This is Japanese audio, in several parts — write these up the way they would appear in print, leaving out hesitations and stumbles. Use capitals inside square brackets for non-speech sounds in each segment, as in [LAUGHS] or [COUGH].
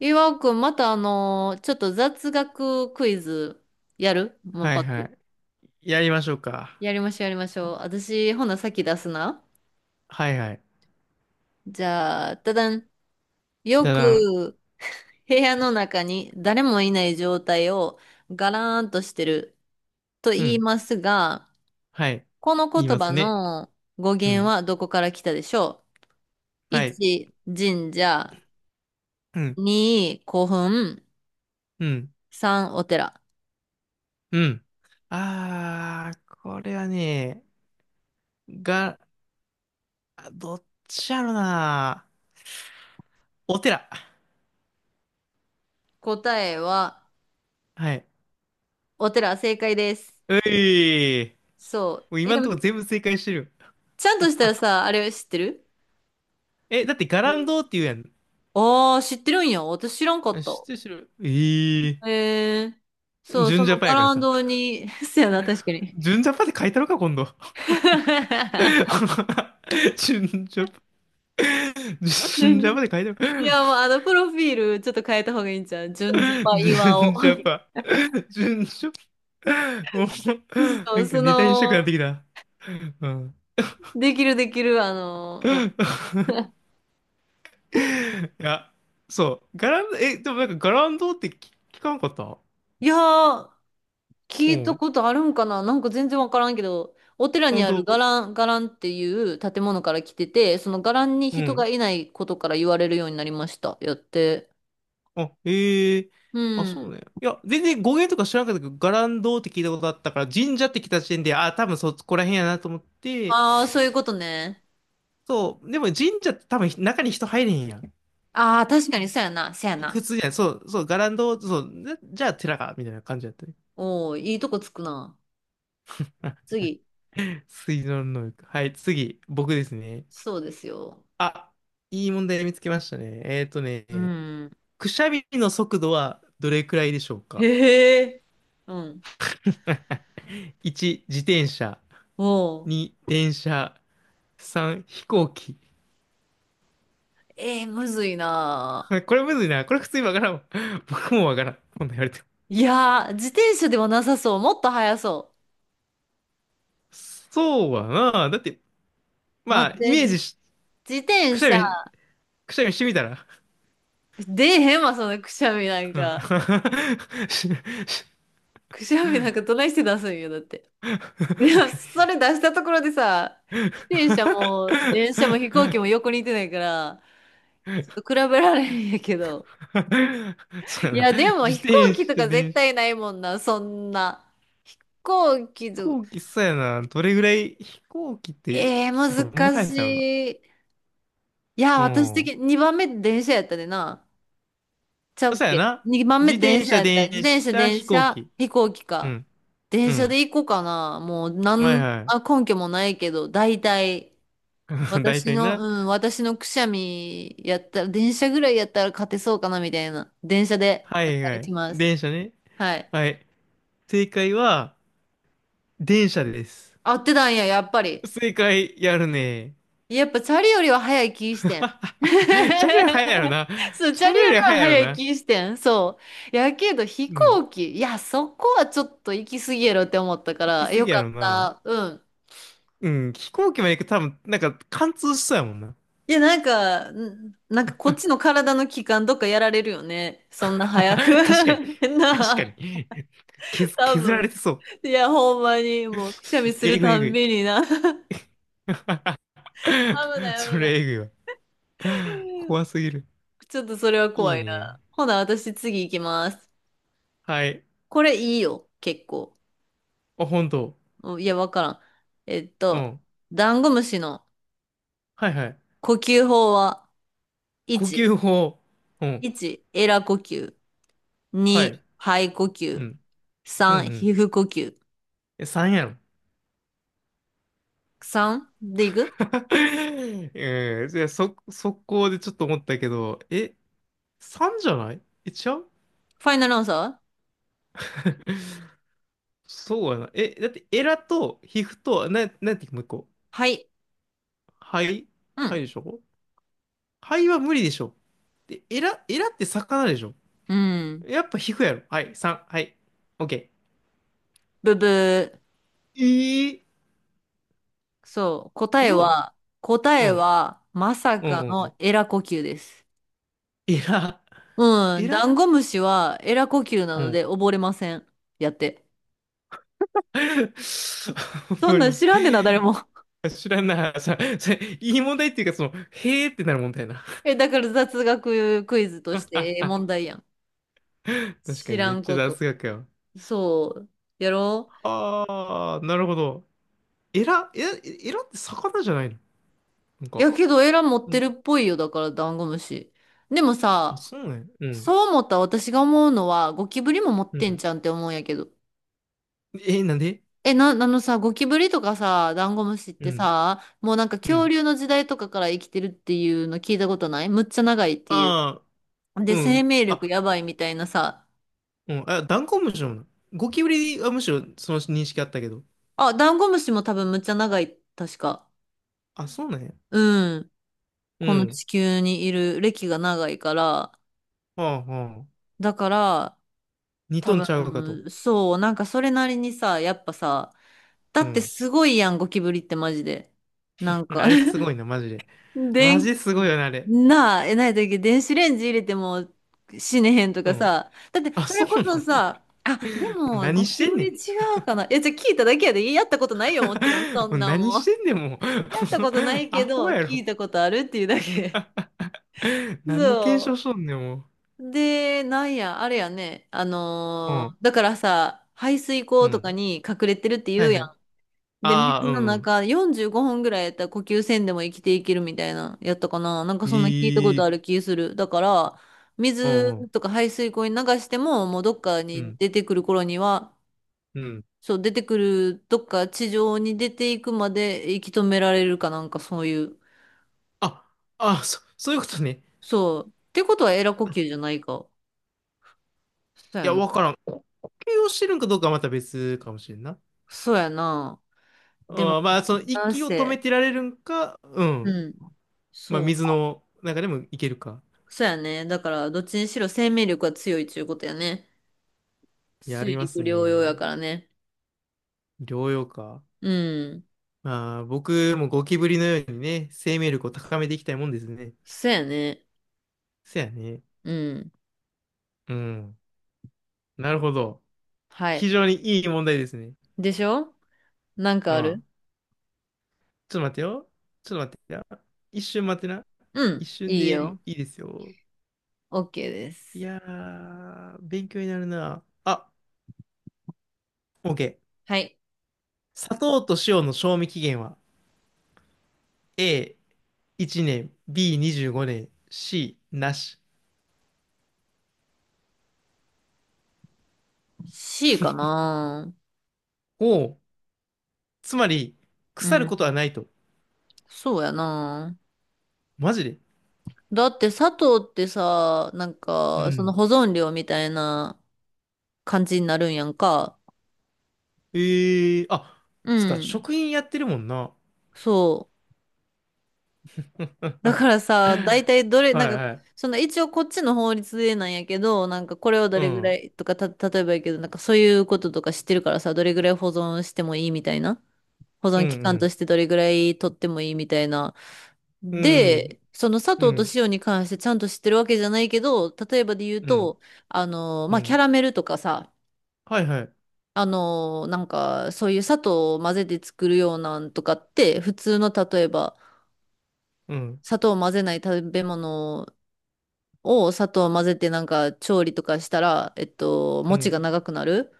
岩尾くん、またちょっと雑学クイズやるもうはパいッはと。い。やりましょうか。やりましょう、やりましょう。私、ほな、先出すな。はいはい。じゃあ、ただん。よだだん。く、部屋の中に誰もいない状態をガラーンとしてるとう言いん。ますが、はい。この言い言ま葉すね。の語う源ん。はどこから来たでしょう？ はい。1、神社。うん。2、古墳。うん。3、お寺。うん。あー、これはね、が、あどっちやろな。お寺。答えは、はい。お寺、正解です。ういー。そう。もうえ、今でんもとこ全部正解してる。ちゃんとしたらさ、あれ知ってる？え、だってガランドって言うやん。ああー、知ってるんや。私知らんかっあ、た。知ってる知ってる。えー。へえ。そう、そ純ジャのパバやからランさ。ドに、[LAUGHS] そうやな、確かに。純ジャパって書いたのか、今度。[LAUGHS] [LAUGHS] 純ジャパ。[LAUGHS] 純ジャパで書いてあいる。や、もうプロフィールちょっと変えた方がいいんじゃん。純ジャパ岩尾。純ジャ [LAUGHS] パ。純ジャパ。もう、そなう、んかそネタにしたくの、なってきた。うん。できるできる、うん。いや、そう。ガランド、え、でもなんかガランドって聞かなかった。いやー、聞ういたん。ことあるんかな、なんか全然わからんけど、お寺に本ある当。伽藍っていう建物から来てて、その伽藍にう人がん。いないことから言われるようになりました、やって。あ、ええ。うあ、そうん。ね。いや、全然語源とか知らなかったけど、ガランドって聞いたことあったから、神社って来た時点で、あ、多分そこら辺やなと思って、ああ、そういうことね。そう。でも神社って多分中に人入れへんやん。ああ、確かにそうやな、そうやな。普通じゃない。そう、そう、ガランド、そう、な、じゃあ寺か、みたいな感じだったね。おお、いいとこつくな。次。水道の能力。はい、次、僕ですね。そうですよ。あ、いい問題見つけましたね。えっとうね、ん。くしゃみの速度はどれくらいでしょうか。へえ。うん。1 [LAUGHS]、自転車。おお。2、電車。3、飛行機。えー、むずいな。[LAUGHS] これむずいな。これ普通にわからんわ。[LAUGHS] 僕もわからん。今度言われても。いやー、自転車ではなさそう。もっと速そそうはな。だって、う。ま待っあ、イて、メーじ、ジし、自く転しゃ車。み、くしゃみしてみたら。出えへんわ、そのくしゃみなんうん。 か。[LAUGHS] くしゃみなんかどないして出すんよ、だって。[LAUGHS] いや、それ出したところでさ、自転車も、電車も飛行機も横にいてないから、ちょっと比べられへんやけど。そういやな。や、でも自飛行転機と車、か絶電車、対ないもんな、そんな。飛行飛機と、行機、そうやな。どれぐらい、飛行機って、えー、どんな難速しさやろな。い。いや、う私的ん。に2番目電車やったでな。ちゃうっそうやけ？ な。2 番自目電転車車、やった。[LAUGHS] 電自転車、車、電飛行車、機。飛行機うか。ん。電う車ん。で行こうかな。もう、はいはあ、根拠もないけど、大体、い。[LAUGHS] 大体な。うん、私のくしゃみやったら、電車ぐらいやったら勝てそうかな、みたいな。電車ではお願いはいしい。ます。電車ね。はい。はい。正解は、電車です。合ってたんや、やっぱり。正解、やるね。やっぱチャリよりは早い気 [LAUGHS] してん。チャリより速いやろ [LAUGHS] な。そう、チチャャリリよよりりは速いやろ早いな。気してん。そう。やけど飛うん。行機、いや、そこはちょっと行き過ぎやろって思ったか行きら、過よぎやかっろな。た。うん。うん、飛行機まで行くと多分、なんか貫通しそうやもんな。いや、なんか、なんかこっちの体の器官どっかやられるよね。[LAUGHS] そんな早く。確かに、[LAUGHS] 確なかあ、に。削、多削られ分。てそう。いや、ほんまに、もうくしゃみするえぐい、たえぐんい。びにな。[LAUGHS] 危 [LAUGHS] ない、そ危なれえい。ぐいわ。怖すぎる。ちょっとそれはい怖いいね。な。ほな、私次行きます。はい。これいいよ、結構。あ、本当。うん、いや、わからん。えっうと、ん。ダンゴムシのはいはい。呼吸法は、呼吸1、法。うん。1、エラ呼吸。はい。2、肺呼う吸。ん。うん3、うん。皮膚呼吸。え、3やろ。3でいく。 [LAUGHS] うん。じゃあ、そ、速攻でちょっと思ったけど、え、3じゃない、え、違う。 ファイナルアンサー？ [LAUGHS] そうやな。え、だってエラと皮膚と、なんていうかもう一個。はい。肺う肺ん。でしょ。肺は無理でしょ。で、エラって魚でしょ。うん。やっぱ皮膚やろ。はい、3、はい、オッケブブー。ー。ええー、そう。嘘。答うえん、は、まさうん、かうん。うのん、エラ呼吸です。エラ、うエん。ダラ、ンゴムシはエラ呼吸なうのん。で溺れません、やって。[LAUGHS] わかります。そんなん知らんでな、誰も。[LAUGHS] 知らんな。いい問題っていうか、その、へーってなる問題やな。え、だから雑学クイズとしてええ [LAUGHS] 問題やん。確か知にらめっんちゃこと。雑学やわ。そう。やろう？ああ、なるほど。エラ、エラ、エラって魚じゃないの、なんいか。やけど、エラ持っうてるん。っぽいよ、だから、ダンゴムシ。でもあ、さ、そうね。うん。そう思った私が思うのは、ゴキブリも持っうてんん。じゃんって思うんやけど。え、なんで。あのさ、ゴキブリとかさ、ダンゴムシっうてん。さ、もうなんかう恐ん。竜の時代とかから生きてるっていうの聞いたことない？むっちゃ長いっていああ、う。で、う生ん。命力あ、やばいみたいなさ。うん。あ、ダンコムシなの。ゴキブリはむしろその認識あったけど。あ、ダンゴムシも多分むっちゃ長い、確か。あ、そうなんや。うん。うこのん。地球にいる歴が長いから、はあはあ。だから、二多トンちゃうかと。分、そう、なんかそれなりにさ、やっぱさ、だうってん。すごいやん、ゴキブリってマジで。なんあか れす [LAUGHS] ごいな、マジで。でマジん、ですごいよな、あれ。なあ、え、ないだっけ、電子レンジ入れても死ねへんとうかん。さ、だってあ、そそれうこなその。もさ、あ、でうも、何ゴしキてブんねリん。違うかな。いや、じゃあ聞いただけやで、やったことないよ、もちろん、そ [LAUGHS] もんうな何もしん。てんねん、もう。やったことな [LAUGHS] いアけど、ホや聞ろ。いたことあるっていうだけ。何の検そ証しう。とんねん、もで、なんや、あれやね。う。うん。だからさ、排水う溝とかん。に隠れてるって言はういやはい。ん。で、ああ、水うのん。中45分ぐらいやったら呼吸せんでも生きていけるみたいな、やったかな。なんかそんな聞いたことええ、ある気する。だから、う水んうん。とか排水溝に流しても、もうどっかうにん。出てくる頃には、うん。そう、出てくる、どっか地上に出ていくまで息止められるかなんかそういう。あ、あ、[LAUGHS] そういうことね。そう。ってことはエラ呼吸じゃないか。そういやや、な。わからん。こ、呼吸をしてるんかどうかはまた別かもしれんな。そうやな。でも、あー、まあ、そのなん息を止めせ、てられるんか、ううん。ん、まあ、そ水う。の中でもいけるか。そうやね。だから、どっちにしろ生命力が強いちゅうことやね。やり水ま陸す両用やね。からね。療養か。うん。まあ、僕もゴキブリのようにね、生命力を高めていきたいもんですね。そうやね。そやね。うん。うん。なるほど。は非い。常にいい問題ですね。でしょ？なんうかある？ん。ちょっと待ってよ。ちょっと待ってよ。一瞬待ってな。う一ん。瞬いいでいよ。いですよ。OK でいす。やー、勉強になるな。あ、OK。はい。砂糖と塩の賞味期限は、 A1 年、B25 年、C なし。C かな。おお、つまり、う腐るん。ことはないと。そうやな。マジで。だって砂糖ってさ、なんうか、そのん。保存料みたいな感じになるんやんか。えー、あ、うつか、ん。食品やってるもんな。そう。[LAUGHS] だはからさ、大体どれ、いなんか、はい。その一応こっちの法律でなんやけど、なんかこれをどうれぐらん。いとか、例えばやけど、なんかそういうこととか知ってるからさ、どれぐらい保存してもいいみたいな。保うん存う期間とん。してどれぐらい取ってもいいみたいな。うん。で、その砂う糖とん。塩に関してちゃんと知ってるわけじゃないけど、例えばで言ううん。と、うまあ、キャん。ラメルとかさ、はいはい。なんかそういう砂糖を混ぜて作るようなんとかって、普通の例えば、うん、砂糖を混ぜない食べ物を砂糖を混ぜてなんか調理とかしたら、う餅がん、長くなる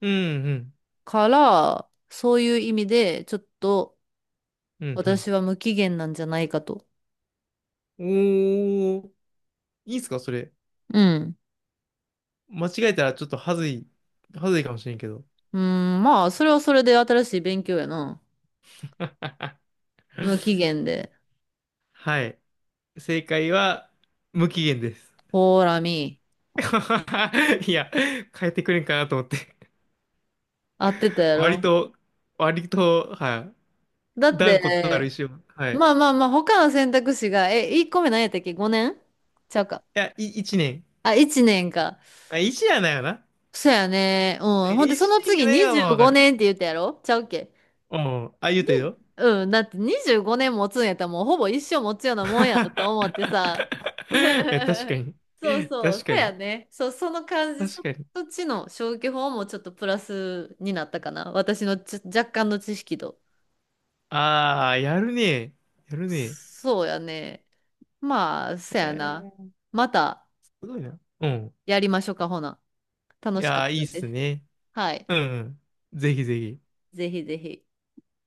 うん、うん、から、そういう意味で、ちょっとうん、うん。私は無期限なんじゃないかと。おー、いいっすか、それ。うん。間違えたらちょっとはずい、はずいかもしれんけど。うん、まあ、それはそれで新しい勉強やな。無期限で。はい。正解は、無期限です。ほーらみ、[LAUGHS] いや、変えてくれんかなと思って。合ってたや割ろ。と、割と、はだい。っ断固たる意て、志を。はい。いまあまあまあ、他の選択肢が、え、1個目何やったっけ？ 5 年ちゃうか。や、い、一年。あ、1年か。あ、一じゃないよな。そうやね。うん。え、ほんで、そ一の年が次ないは、まあ25わかる。年って言ったやろ？ちゃうっけうん。あ、言うに、たよ。うん、だって25年持つんやったらもうほぼ一生持つようなもんやろって思ってさ。[LAUGHS] いや、確か [LAUGHS] に。そうそう、確そかうやに。ね。そう、その感じ、そ確っかに。ちの消去法もちょっとプラスになったかな。私のちょ若干の知識と。ああ、やるね。やるね。そうやね。まあ、そえやな。ー、またすごいな。うん。やりましょうか、ほな。楽いしかやっー、いいたっですす。ね。はい。うん、うん。ぜひぜひ。ぜひぜひ。